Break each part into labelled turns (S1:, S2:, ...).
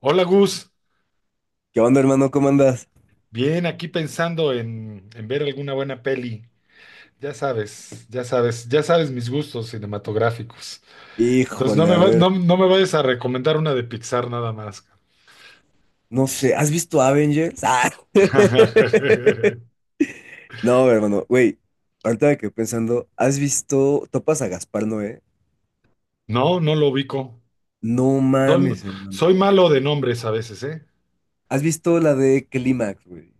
S1: Hola Gus,
S2: ¿Qué onda, hermano? ¿Cómo andas?
S1: bien aquí pensando en ver alguna buena peli. Ya sabes, ya sabes, ya sabes mis gustos cinematográficos. Entonces
S2: Híjole, a ver,
S1: no, no me vayas a recomendar una de Pixar nada más.
S2: no sé, ¿has visto Avengers? ¡Ah! No, hermano, güey, ahorita me quedé pensando, ¿has visto, topas a Gaspar Noé?
S1: No, no lo ubico.
S2: No
S1: Soy,
S2: mames, hermano.
S1: soy malo de nombres a veces, ¿eh?
S2: ¿Has visto la de Clímax, güey?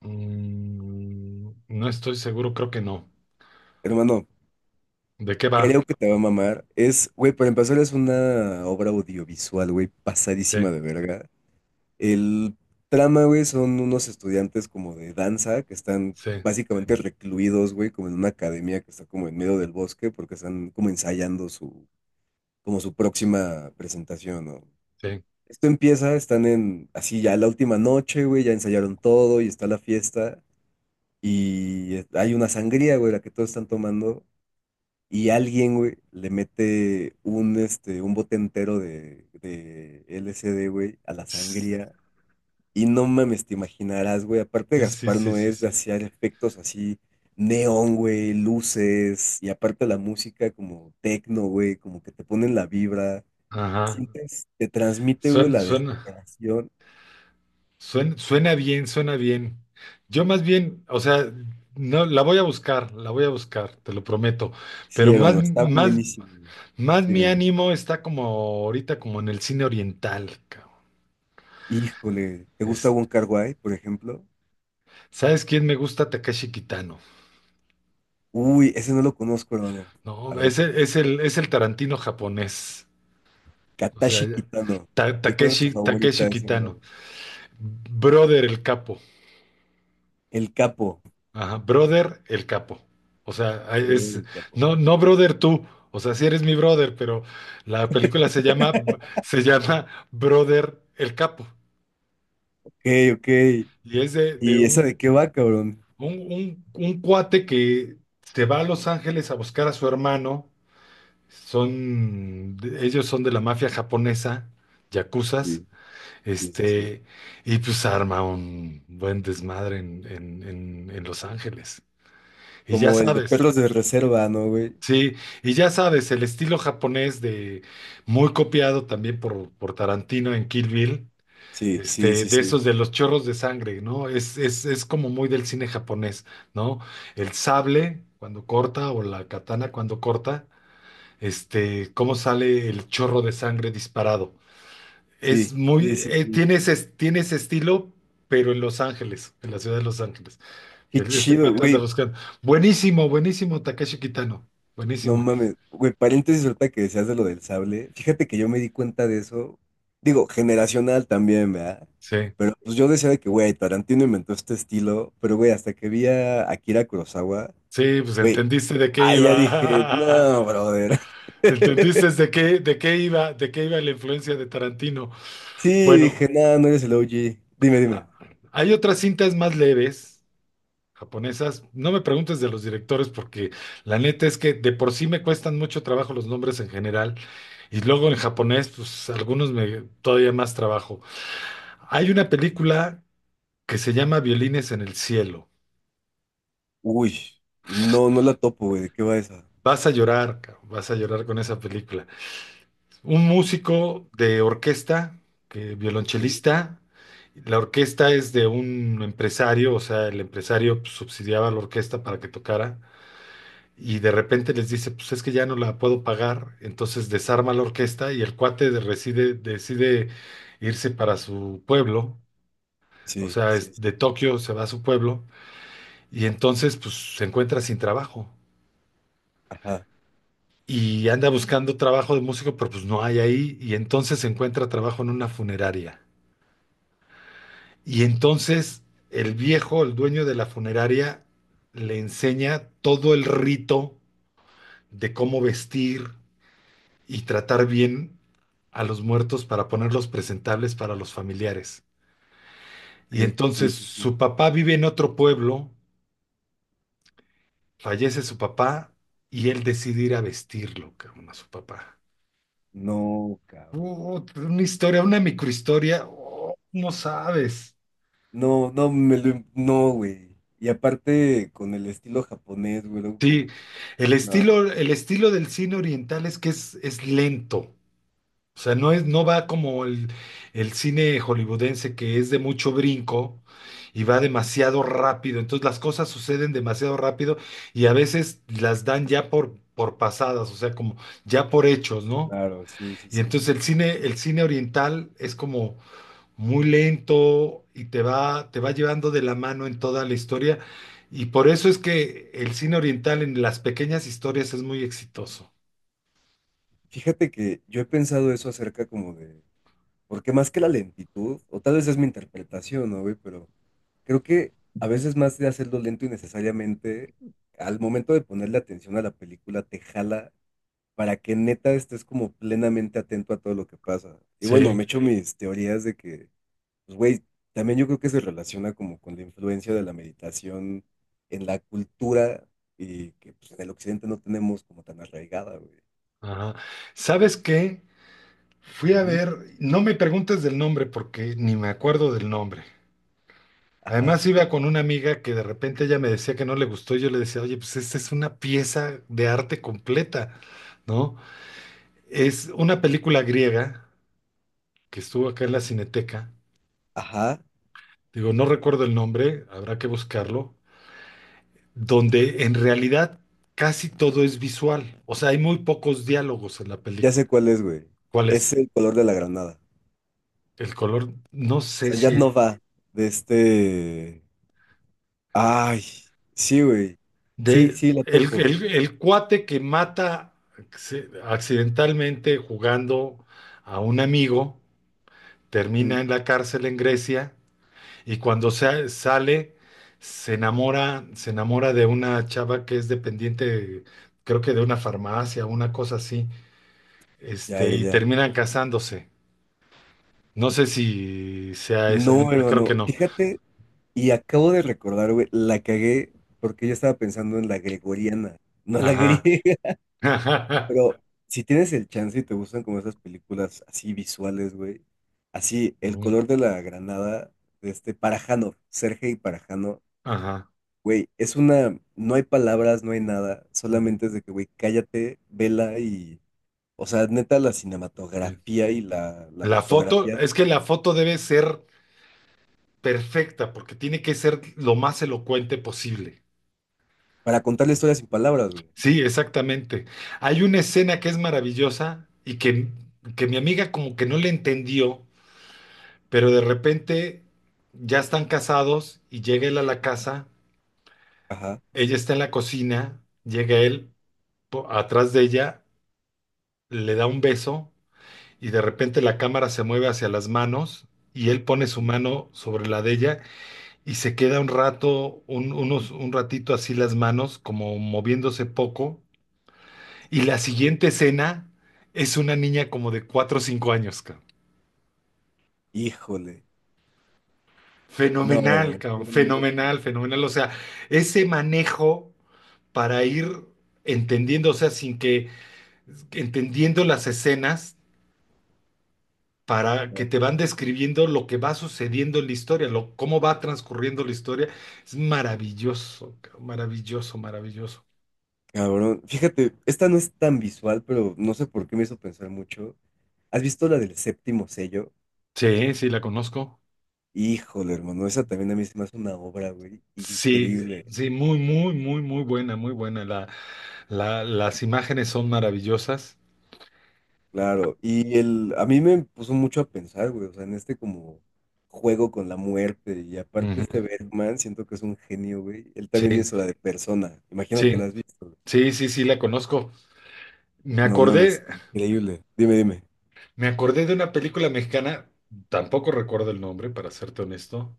S1: No estoy seguro, creo que no.
S2: Hermano,
S1: ¿De qué va?
S2: creo que te va a mamar. Es, güey, para empezar es una obra audiovisual, güey,
S1: Sí,
S2: pasadísima de verga. El trama, güey, son unos estudiantes como de danza que están
S1: sí,
S2: básicamente recluidos, güey, como en una academia que está como en medio del bosque porque están como ensayando como su próxima presentación, ¿no?
S1: sí.
S2: Esto empieza, están así ya la última noche, güey, ya ensayaron todo y está la fiesta y hay una sangría, güey, la que todos están tomando y alguien, güey, le mete un bote entero de LSD, güey, a la
S1: Sí,
S2: sangría y no mames, te imaginarás, güey. Aparte,
S1: sí,
S2: Gaspar
S1: sí,
S2: no
S1: sí,
S2: es de
S1: sí.
S2: hacer efectos así, neón, güey, luces. Y aparte, la música como tecno, güey, como que te ponen la vibra.
S1: Ajá.
S2: Sientes, te transmite, güey,
S1: Suena,
S2: la
S1: suena.
S2: desesperación.
S1: Suena bien, suena bien. Yo más bien, o sea, no, la voy a buscar, la voy a buscar, te lo prometo.
S2: Sí,
S1: Pero más,
S2: hermano, está
S1: más,
S2: buenísimo, güey.
S1: más mi
S2: Dime, güey.
S1: ánimo está como ahorita, como en el cine oriental, cabrón.
S2: Híjole, ¿te gusta
S1: Es-
S2: Wong kar Wai, por ejemplo?
S1: ¿Sabes quién me gusta? Takeshi Kitano.
S2: Uy, ese no lo conozco, hermano. A
S1: No,
S2: ver,
S1: es el Tarantino japonés. O sea,
S2: Katashi Kitano. ¿Y cuál es tu favorita
S1: Takeshi
S2: de ese, bro?
S1: Kitano. Brother el capo.
S2: El capo.
S1: Ajá, brother, el capo. O sea,
S2: Pero el capo.
S1: no, no brother tú. O sea, sí eres mi brother, pero la película se llama Brother, el capo.
S2: Ok, ok.
S1: Y es
S2: ¿Y esa de qué va, cabrón?
S1: un cuate que se va a Los Ángeles a buscar a su hermano. Son, ellos son de la mafia japonesa, yakuzas.
S2: Sí, sí, sí, sí.
S1: Este, y pues arma un buen desmadre en Los Ángeles. Y ya
S2: ¿Como el de
S1: sabes.
S2: perros de reserva, no, güey?
S1: Sí, y ya sabes, el estilo japonés de muy copiado también por Tarantino en Kill Bill,
S2: Sí, sí, sí,
S1: de
S2: sí.
S1: esos de los chorros de sangre, ¿no? Es como muy del cine japonés, ¿no? El sable cuando corta o la katana cuando corta, cómo sale el chorro de sangre disparado. Es
S2: Sí, sí,
S1: muy,
S2: sí,
S1: eh,
S2: sí.
S1: tiene tiene ese estilo, pero en Los Ángeles, en la ciudad de Los Ángeles.
S2: Qué
S1: Este
S2: chido,
S1: cuate anda
S2: güey.
S1: buscando. Buenísimo, buenísimo, Takeshi Kitano.
S2: No
S1: Buenísimo.
S2: mames. Güey, paréntesis ahorita que decías de lo del sable. Fíjate que yo me di cuenta de eso. Digo, generacional también, ¿verdad?
S1: Sí.
S2: Pero pues yo decía de que, güey, Tarantino inventó este estilo. Pero, güey, hasta que vi a Akira Kurosawa,
S1: Sí, pues
S2: güey,
S1: entendiste de qué
S2: ahí ya dije,
S1: iba.
S2: no, brother.
S1: ¿Entendiste de qué iba la influencia de Tarantino?
S2: Sí, dije,
S1: Bueno,
S2: no, no eres el OG. Dime, dime.
S1: a- hay otras cintas más leves, japonesas. No me preguntes de los directores porque la neta es que de por sí me cuestan mucho trabajo los nombres en general y luego en japonés, pues algunos me todavía más trabajo. Hay una película que se llama Violines en el Cielo.
S2: Uy, no, no la topo, güey. ¿De qué va esa?
S1: Vas a llorar, cabrón, vas a llorar con esa película. Un músico de orquesta, que,
S2: Sí,
S1: violonchelista. La orquesta es de un empresario, o sea, el empresario pues, subsidiaba a la orquesta para que tocara. Y de repente les dice, pues es que ya no la puedo pagar. Entonces desarma la orquesta y el cuate decide irse para su pueblo. O
S2: sí,
S1: sea,
S2: sí,
S1: es
S2: sí.
S1: de Tokio se va a su pueblo. Y entonces pues se encuentra sin trabajo.
S2: Ajá,
S1: Y anda buscando trabajo de músico, pero pues no hay ahí. Y entonces se encuentra trabajo en una funeraria. Y entonces el viejo, el dueño de la funeraria, le enseña todo el rito de cómo vestir y tratar bien a los muertos para ponerlos presentables para los familiares. Y
S2: ok, sí,
S1: entonces
S2: sí, sí.
S1: su papá vive en otro pueblo, fallece su papá y él decide ir a vestirlo, cabrón, a su papá.
S2: No, cabrón.
S1: Una historia, una microhistoria, oh, no sabes.
S2: No, no, no, güey. Y aparte, con el estilo japonés, güey, luego
S1: Sí,
S2: como que. No,
S1: el estilo del cine oriental es que es lento. O sea, no es, no va como el cine hollywoodense que es de mucho brinco y va demasiado rápido. Entonces las cosas suceden demasiado rápido y a veces las dan ya por pasadas, o sea, como ya por hechos, ¿no?
S2: claro, sí, sí,
S1: Y
S2: sí.
S1: entonces el cine oriental es como muy lento y te va llevando de la mano en toda la historia. Y por eso es que el cine oriental en las pequeñas historias es muy exitoso.
S2: Fíjate que yo he pensado eso acerca como de. Porque más que la lentitud, o tal vez es mi interpretación, ¿no, güey? Pero creo que a veces más de hacerlo lento y necesariamente, al momento de ponerle atención a la película, te jala para que neta estés como plenamente atento a todo lo que pasa. Y bueno,
S1: Sí.
S2: me echo mis teorías de que, pues güey, también yo creo que se relaciona como con la influencia de la meditación en la cultura y que pues, en el occidente no tenemos como tan arraigada, güey.
S1: Ajá. ¿Sabes qué? Fui a
S2: Ujú.
S1: ver, no me preguntes del nombre porque ni me acuerdo del nombre.
S2: Ajá,
S1: Además iba con una amiga que de repente ella me decía que no le gustó y yo le decía, oye, pues esta es una pieza de arte completa, ¿no? Es una película griega que estuvo acá en la Cineteca,
S2: ajá,
S1: digo, no recuerdo el nombre, habrá que buscarlo, donde en realidad casi todo es visual, o sea, hay muy pocos diálogos en la
S2: ya
S1: película.
S2: sé cuál es, güey.
S1: ¿Cuál
S2: Es
S1: es?
S2: el color de la granada.
S1: El color, no
S2: O
S1: sé
S2: sea, ya
S1: si.
S2: no va de este... Ay, sí, güey. Sí,
S1: De,
S2: sí, la topo.
S1: el cuate que mata accidentalmente jugando a un amigo,
S2: Ujú.
S1: termina en la cárcel en Grecia y cuando sale se enamora de una chava que es dependiente, creo que de una farmacia, una cosa así,
S2: Ya, ya,
S1: y
S2: ya.
S1: terminan casándose. No sé si sea esa
S2: No,
S1: misma, creo que
S2: hermano,
S1: no.
S2: fíjate, y acabo de recordar, güey, la cagué porque yo estaba pensando en la gregoriana, no la
S1: Ajá.
S2: griega, pero si tienes el chance y te gustan como esas películas así visuales, güey, así, El
S1: Ujú.
S2: color de la granada de este Parajanov, Sergei Parajanov,
S1: Ajá,
S2: güey, es una, no hay palabras, no hay nada,
S1: ujú,
S2: solamente es de que, güey, cállate, vela y, o sea, neta, la
S1: sí.
S2: cinematografía y la
S1: La foto,
S2: fotografía,
S1: es que la foto debe ser perfecta, porque tiene que ser lo más elocuente posible.
S2: para contar la historia sin palabras, güey.
S1: Sí, exactamente. Hay una escena que es maravillosa que mi amiga como que no le entendió, pero de repente ya están casados y llega él a la casa,
S2: Ajá.
S1: ella está en la cocina, llega él atrás de ella, le da un beso y de repente la cámara se mueve hacia las manos y él pone su mano sobre la de ella. Y se queda un rato, un ratito así las manos, como moviéndose poco. Y la siguiente escena es una niña como de 4 o 5 años, cabrón.
S2: Híjole. No, no,
S1: Fenomenal,
S2: no, qué
S1: cabrón.
S2: hermoso.
S1: Fenomenal, fenomenal. O sea, ese manejo para ir entendiendo, o sea, sin que, entendiendo las escenas para que
S2: Claro.
S1: te van describiendo lo que va sucediendo en la historia, lo, cómo va transcurriendo la historia, es maravilloso, cabrón, maravilloso, maravilloso.
S2: Cabrón. Fíjate, esta no es tan visual, pero no sé por qué me hizo pensar mucho. ¿Has visto la del séptimo sello?
S1: Sí, sí, la conozco.
S2: Híjole, hermano, esa también a mí se me hace una obra, güey,
S1: Sí,
S2: increíble.
S1: sí, muy, muy, muy, muy buena, muy buena. Las imágenes son maravillosas.
S2: Claro, a mí me puso mucho a pensar, güey, o sea, en este como juego con la muerte, y aparte
S1: Ujú.
S2: este Bergman, siento que es un genio, güey. Él también
S1: Sí,
S2: hizo la de Persona, imagino
S1: sí,
S2: que la has visto, güey.
S1: sí, sí, sí, la conozco. Me
S2: No mames,
S1: acordé,
S2: increíble. Dime, dime.
S1: me acordé de una película mexicana, tampoco recuerdo el nombre, para serte honesto.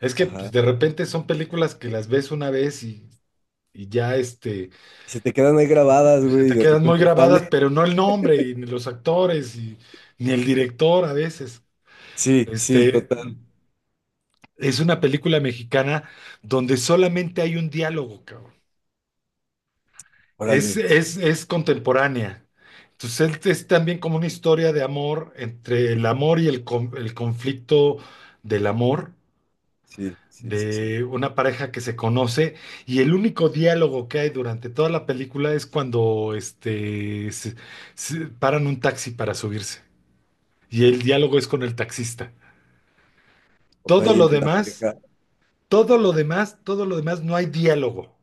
S1: Es que pues,
S2: Ajá.
S1: de repente son películas que las ves una vez y ya
S2: Y se te quedan ahí grabadas,
S1: se
S2: güey, y
S1: te
S2: de
S1: quedan muy
S2: repente
S1: grabadas,
S2: sale.
S1: pero no el nombre, y ni los actores, y, ni el director a veces.
S2: Sí, sí,
S1: Este,
S2: total.
S1: Es una película mexicana donde solamente hay un diálogo, cabrón.
S2: Órale.
S1: Es contemporánea. Entonces es también como una historia de amor entre el amor y el conflicto del amor
S2: Sí, sí, sí, sí.
S1: de una pareja que se conoce y el único diálogo que hay durante toda la película es cuando se paran un taxi para subirse y el diálogo es con el taxista.
S2: O sea,
S1: Todo
S2: ahí
S1: lo
S2: entre la
S1: demás,
S2: pareja.
S1: todo lo demás, todo lo demás no hay diálogo.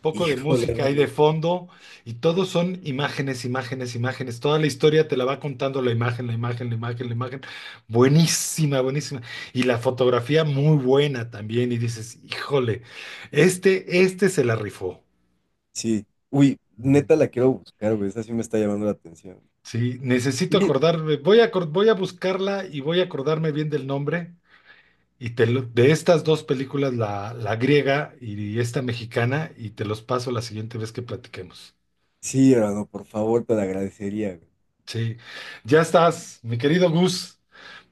S1: Poco de
S2: Híjole,
S1: música ahí de
S2: mano.
S1: fondo y todos son imágenes, imágenes, imágenes. Toda la historia te la va contando la imagen, la imagen, la imagen, la imagen. Buenísima, buenísima. Y la fotografía muy buena también. Y dices, híjole, este se la rifó.
S2: Sí. Uy,
S1: Ujú.
S2: neta la quiero buscar, güey. Esa sí me está llamando la atención.
S1: Sí, necesito
S2: Y
S1: acordarme. Voy a buscarla y voy a acordarme bien del nombre. De estas dos películas, la griega y esta mexicana, y te los paso la siguiente vez que platiquemos.
S2: sí, hermano, por favor, te la agradecería, güey.
S1: Sí, ya estás, mi querido Gus.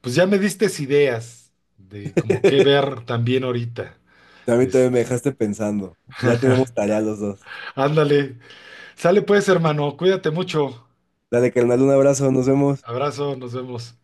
S1: Pues ya me diste ideas de como qué ver también ahorita.
S2: También, también
S1: Este.
S2: me dejaste pensando. Ya tenemos tarea los dos.
S1: Ándale, sale pues, hermano, cuídate mucho.
S2: Dale, carnal, un abrazo, nos vemos.
S1: Abrazo, nos vemos.